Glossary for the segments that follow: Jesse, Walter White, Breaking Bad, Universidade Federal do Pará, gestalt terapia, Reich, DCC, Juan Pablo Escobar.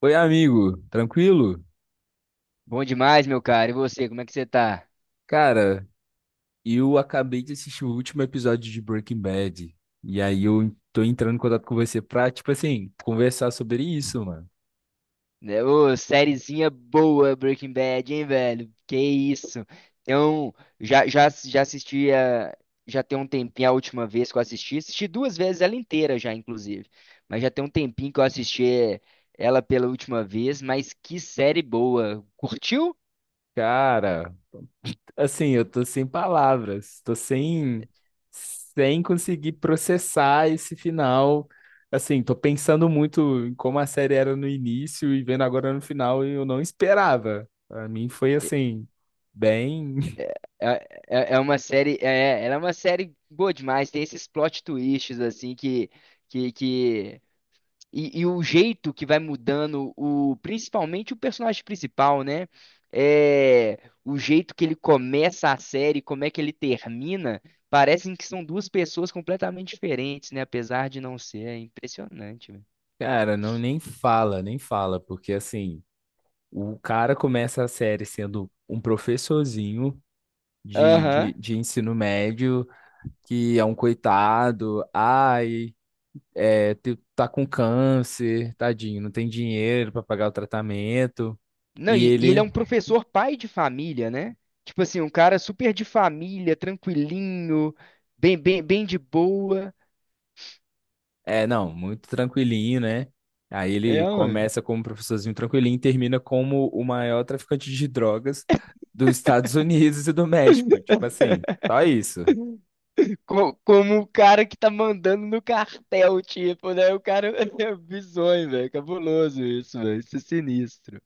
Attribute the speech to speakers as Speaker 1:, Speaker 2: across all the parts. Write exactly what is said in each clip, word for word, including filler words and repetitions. Speaker 1: Oi, amigo, tranquilo?
Speaker 2: Bom demais, meu cara. E você, como é que você tá?
Speaker 1: Cara, eu acabei de assistir o último episódio de Breaking Bad. E aí eu tô entrando em contato com você pra, tipo assim, conversar sobre isso, mano.
Speaker 2: Né, ô, sériezinha boa, Breaking Bad, hein, velho? Que isso? Então, já, já, já assisti a- já tem um tempinho a última vez que eu assisti. Assisti duas vezes ela inteira já, inclusive. Mas já tem um tempinho que eu assisti é, ela pela última vez, mas que série boa. Curtiu?
Speaker 1: Cara, assim, eu tô sem palavras, tô sem, sem conseguir processar esse final. Assim, tô pensando muito em como a série era no início e vendo agora no final, e eu não esperava. Pra mim foi assim, bem.
Speaker 2: É, é, é é uma série, é, ela é uma série boa demais. Tem esses plot twists assim que que, que E, e o jeito que vai mudando, o principalmente o personagem principal, né? É, o jeito que ele começa a série, como é que ele termina, parecem que são duas pessoas completamente diferentes, né? Apesar de não ser, é impressionante, velho.
Speaker 1: Cara, não nem fala, nem fala, porque assim. O cara começa a série sendo um professorzinho de, de,
Speaker 2: Aham.
Speaker 1: de ensino médio, que é um coitado, ai, é, te- tá com câncer, tadinho, não tem dinheiro para pagar o tratamento.
Speaker 2: Não,
Speaker 1: E
Speaker 2: e, e ele é um
Speaker 1: ele
Speaker 2: professor pai de família, né? Tipo assim, um cara super de família, tranquilinho, bem, bem, bem de boa.
Speaker 1: é, não, muito tranquilinho, né? Aí
Speaker 2: É,
Speaker 1: ele
Speaker 2: mano.
Speaker 1: começa como professorzinho tranquilinho e termina como o maior traficante de drogas dos Estados Unidos e do México. Tipo assim, só isso.
Speaker 2: Co- Como o cara que tá mandando no cartel, tipo, né? O cara é bizonho, velho. Cabuloso isso, velho. Isso é sinistro.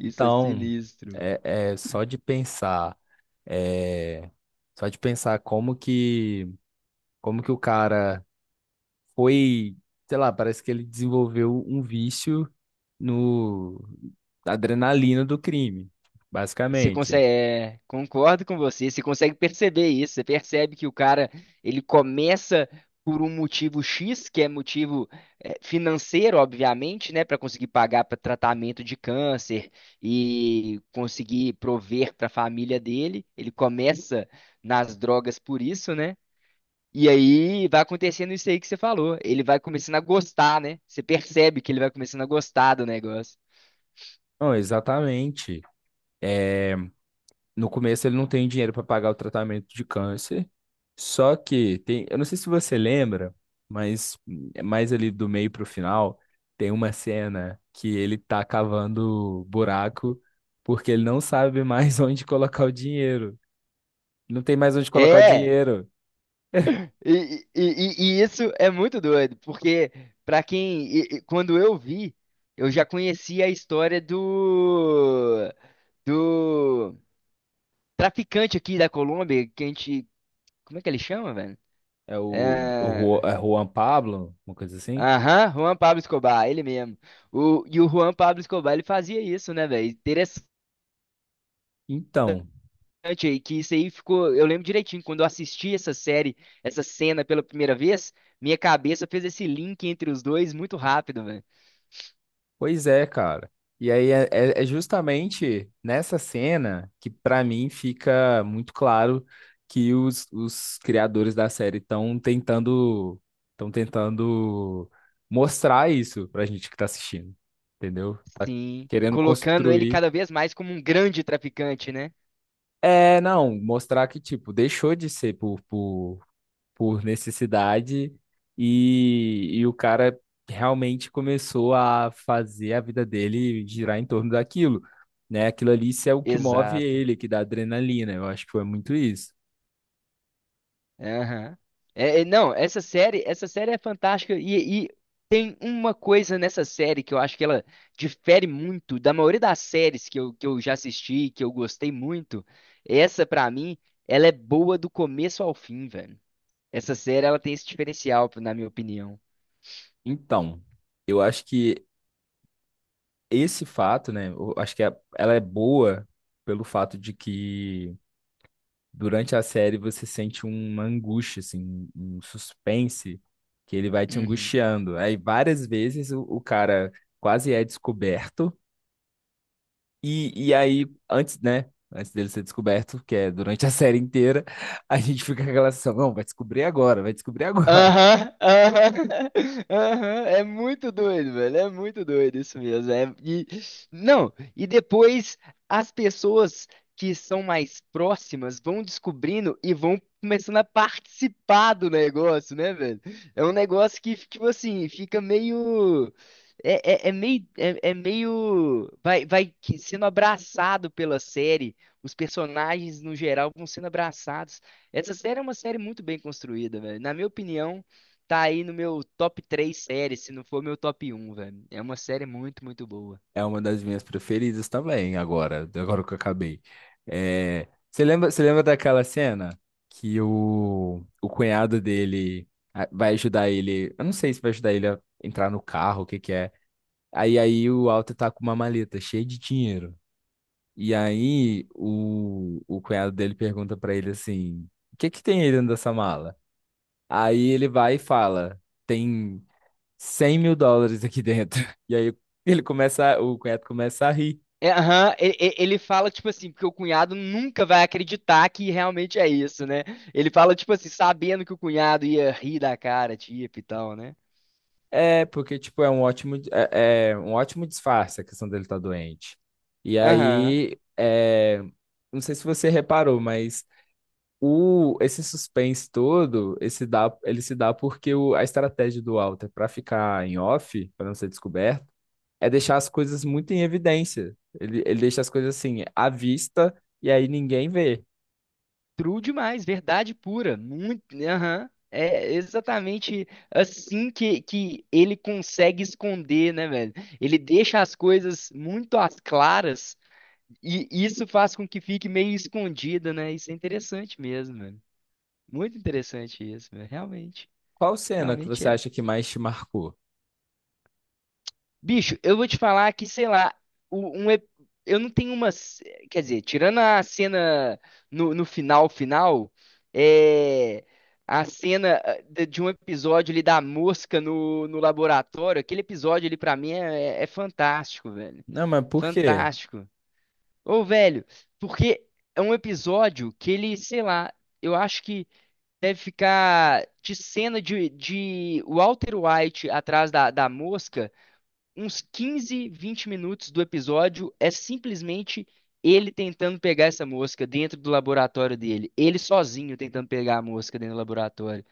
Speaker 2: Isso é sinistro, velho.
Speaker 1: é, é só de pensar, é, só de pensar como que, como que o cara foi, sei lá, parece que ele desenvolveu um vício no na adrenalina do crime,
Speaker 2: Você
Speaker 1: basicamente.
Speaker 2: consegue, é, concordo com você. Você consegue perceber isso. Você percebe que o cara, ele começa por um motivo X, que é motivo é, financeiro, obviamente, né, para conseguir pagar para tratamento de câncer e conseguir prover para a família dele. Ele começa nas drogas por isso, né? E aí vai acontecendo isso aí que você falou. Ele vai começando a gostar, né? Você percebe que ele vai começando a gostar do negócio.
Speaker 1: Não, exatamente. É, no começo ele não tem dinheiro para pagar o tratamento de câncer. Só que tem, eu não sei se você lembra, mas é mais ali do meio pro final, tem uma cena que ele tá cavando buraco porque ele não sabe mais onde colocar o dinheiro. Não tem mais onde colocar o
Speaker 2: É,
Speaker 1: dinheiro.
Speaker 2: e, e- e- e isso é muito doido, porque pra quem, e- e quando eu vi, eu já conhecia a história do do traficante aqui da Colômbia, que a gente, como é que ele chama, velho?
Speaker 1: É o, o Ru-
Speaker 2: É,
Speaker 1: é Juan Pablo, uma coisa assim.
Speaker 2: Aham, Juan Pablo Escobar, ele mesmo. O, e o Juan Pablo Escobar, ele fazia isso, né, velho?
Speaker 1: Então,
Speaker 2: Impressionante aí, que isso aí ficou. Eu lembro direitinho, quando eu assisti essa série, essa cena pela primeira vez, minha cabeça fez esse link entre os dois muito rápido, velho.
Speaker 1: pois é, cara. E aí é, é- é justamente nessa cena que pra mim fica muito claro que os, os criadores da série estão tentando, estão tentando mostrar isso pra gente que tá assistindo, entendeu? Tá
Speaker 2: Sim.
Speaker 1: querendo
Speaker 2: Colocando ele
Speaker 1: construir.
Speaker 2: cada vez mais como um grande traficante, né?
Speaker 1: É, não, mostrar que tipo, deixou de ser por, por por necessidade e, e o cara realmente começou a fazer a vida dele girar em torno daquilo, né? Aquilo ali isso é o que move
Speaker 2: Exato.
Speaker 1: ele, que dá adrenalina. Eu acho que foi muito isso.
Speaker 2: Aham. É, é, não, essa série, essa série é fantástica e, e tem uma coisa nessa série que eu acho que ela difere muito da maioria das séries que eu, que eu já assisti, que eu gostei muito. Essa, pra mim, ela é boa do começo ao fim, velho. Essa série, ela tem esse diferencial, na minha opinião.
Speaker 1: Então, eu acho que esse fato, né? Eu acho que a- ela é boa pelo fato de que durante a série você sente uma angústia, assim, um suspense que ele vai te
Speaker 2: Uhum.
Speaker 1: angustiando. Aí várias vezes o o cara quase é descoberto. E, e aí, antes, né? Antes dele ser descoberto, que é durante a série inteira, a gente fica com aquela sensação, não, vai descobrir agora, vai descobrir agora.
Speaker 2: Aham, aham, aham, é muito doido, velho, é muito doido isso mesmo. É- e, não, e depois as pessoas que são mais próximas vão descobrindo e vão começando a participar do negócio, né, velho? É um negócio que, tipo assim, fica meio. É, é, é meio. É, é meio. Vai, vai que- sendo abraçado pela série, os personagens no geral vão sendo abraçados. Essa série é uma série muito bem construída, velho. Na minha opinião, tá aí no meu top três séries, se não for meu top um, velho. É uma série muito, muito boa.
Speaker 1: É uma das minhas preferidas também, agora, agora que eu acabei. É, você lembra, você lembra daquela cena que o, o cunhado dele ah, vai ajudar ele, eu não sei se vai ajudar ele a entrar no carro, o que que é. Aí, aí o Walter tá com uma maleta cheia de dinheiro. E aí o, o cunhado dele pergunta pra ele assim: o que que tem aí dentro dessa mala? Aí ele vai e fala: tem cem mil dólares aqui dentro. E aí ele começa, o cunhado começa a rir.
Speaker 2: É, aham, ele, ele- ele fala, tipo assim, porque o cunhado nunca vai acreditar que realmente é isso, né? Ele fala, tipo assim, sabendo que o cunhado ia rir da cara, tipo, e tal, né?
Speaker 1: É, porque tipo, é um ótimo, é, é um ótimo disfarce a questão dele estar doente. E
Speaker 2: Aham.
Speaker 1: aí, é, não sei se você reparou, mas o, esse suspense todo, esse dá, ele se dá porque o, a estratégia do Walter para ficar em off, para não ser descoberto, é deixar as coisas muito em evidência. Ele, ele deixa as coisas assim, à vista, e aí ninguém vê.
Speaker 2: True demais, verdade pura, muito, aham. É exatamente assim que, que ele consegue esconder, né, velho? Ele deixa as coisas muito às claras e isso faz com que fique meio escondida, né? Isso é interessante mesmo, velho. Muito interessante isso, velho. Realmente,
Speaker 1: Qual cena que
Speaker 2: realmente
Speaker 1: você
Speaker 2: é.
Speaker 1: acha que mais te marcou?
Speaker 2: Bicho, eu vou te falar que, sei lá, o- um, ep- eu não tenho uma. ce- Quer dizer, tirando a cena no, no final, final, é. A cena ah, de de um episódio ali da mosca no, no laboratório, aquele episódio ali pra mim é, é fantástico, velho.
Speaker 1: Não, mas por quê?
Speaker 2: Fantástico. Ô, velho, porque é um episódio que ele, sei lá, eu acho que deve ficar de cena de, de Walter White atrás da, da mosca uns quinze, vinte minutos do episódio é simplesmente ele tentando pegar essa mosca dentro do laboratório dele. Ele sozinho tentando pegar a mosca dentro do laboratório.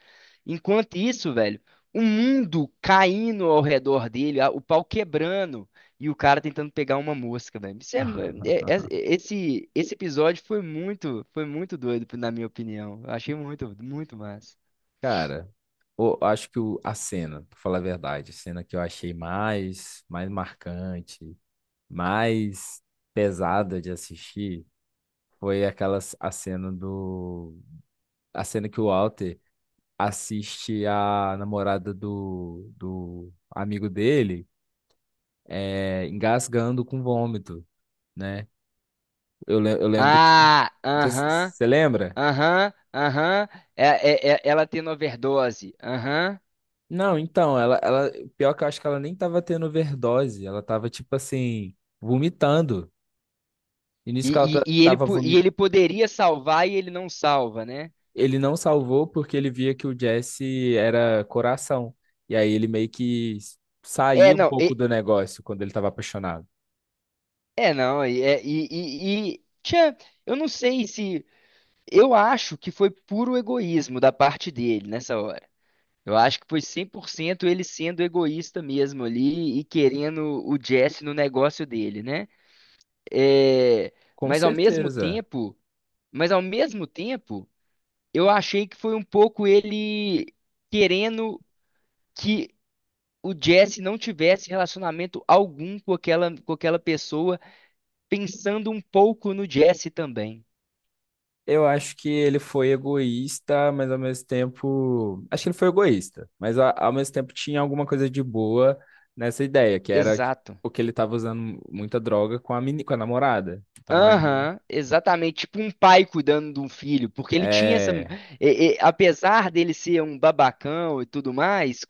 Speaker 2: Enquanto isso, velho, o mundo caindo ao redor dele, a- o pau quebrando e o cara tentando pegar uma mosca, velho. Isso é- é- é- esse, esse episódio foi muito, foi muito doido, na minha opinião. Eu achei muito, muito massa.
Speaker 1: Cara, eu acho que o- a cena, pra falar a verdade, a cena que eu achei mais, mais marcante, mais pesada de assistir, foi aquela c- a cena do, a cena que o Walter assiste a namorada do, do amigo dele é, engasgando com vômito, né? Eu, le- eu lembro que.
Speaker 2: Ah, aham.
Speaker 1: Você lembra?
Speaker 2: Aham, aham. É, é- é- ela tendo overdose. Aham.
Speaker 1: Não, então, ela, ela. Pior que eu acho que ela nem tava tendo overdose, ela tava, tipo assim, vomitando. E nisso que ela
Speaker 2: E,
Speaker 1: ta-
Speaker 2: e, e ele,
Speaker 1: tava
Speaker 2: po- e ele
Speaker 1: vomitando.
Speaker 2: poderia salvar e ele não salva, né?
Speaker 1: Ele não salvou porque ele via que o Jesse era coração. E aí ele meio que
Speaker 2: É,
Speaker 1: saiu um
Speaker 2: não.
Speaker 1: pouco
Speaker 2: e-
Speaker 1: do negócio quando ele tava apaixonado.
Speaker 2: é, não. E, é- e, e, e- tchã, eu não sei se. Eu acho que foi puro egoísmo da parte dele nessa hora. Eu acho que foi cem por cento ele sendo egoísta mesmo ali e querendo o Jesse no negócio dele, né? É,
Speaker 1: Com
Speaker 2: mas ao mesmo
Speaker 1: certeza.
Speaker 2: tempo. Mas ao mesmo tempo. Eu achei que foi um pouco ele querendo que o Jesse não tivesse relacionamento algum com aquela, com aquela pessoa, pensando um pouco no Jesse também.
Speaker 1: Eu acho que ele foi egoísta, mas ao mesmo tempo. Acho que ele foi egoísta, mas a- ao mesmo tempo tinha alguma coisa de boa nessa ideia, que era
Speaker 2: Exato.
Speaker 1: o que ele estava usando muita droga com a, meni... com a namorada. Então aí.
Speaker 2: Aham, exatamente. Tipo um pai cuidando de um filho, porque ele tinha essa.
Speaker 1: É.
Speaker 2: E- e- apesar dele ser um babacão e tudo mais,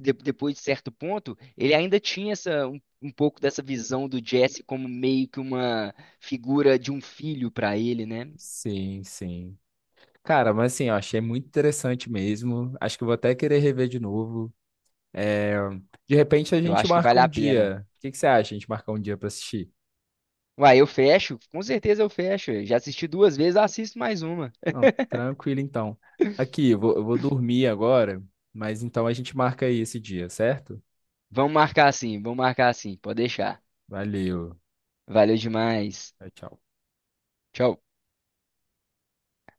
Speaker 2: de- depois de certo ponto, ele ainda tinha essa, um, um pouco dessa visão do Jesse como meio que uma figura de um filho pra ele, né?
Speaker 1: Sim, sim. Cara, mas assim, eu achei muito interessante mesmo. Acho que eu vou até querer rever de novo. É, de repente a
Speaker 2: Eu
Speaker 1: gente
Speaker 2: acho que
Speaker 1: marca
Speaker 2: vale
Speaker 1: um
Speaker 2: a pena.
Speaker 1: dia. O que que você acha? A gente marca um dia pra assistir?
Speaker 2: Uai, eu fecho, com certeza eu fecho. Eu já assisti duas vezes, assisto mais uma.
Speaker 1: Não, tranquilo então. Aqui, eu vou, eu vou dormir agora, mas então a gente marca aí esse dia, certo?
Speaker 2: Vamos marcar assim, vamos marcar assim, pode deixar.
Speaker 1: Valeu.
Speaker 2: Valeu demais.
Speaker 1: Tchau, tchau.
Speaker 2: Tchau.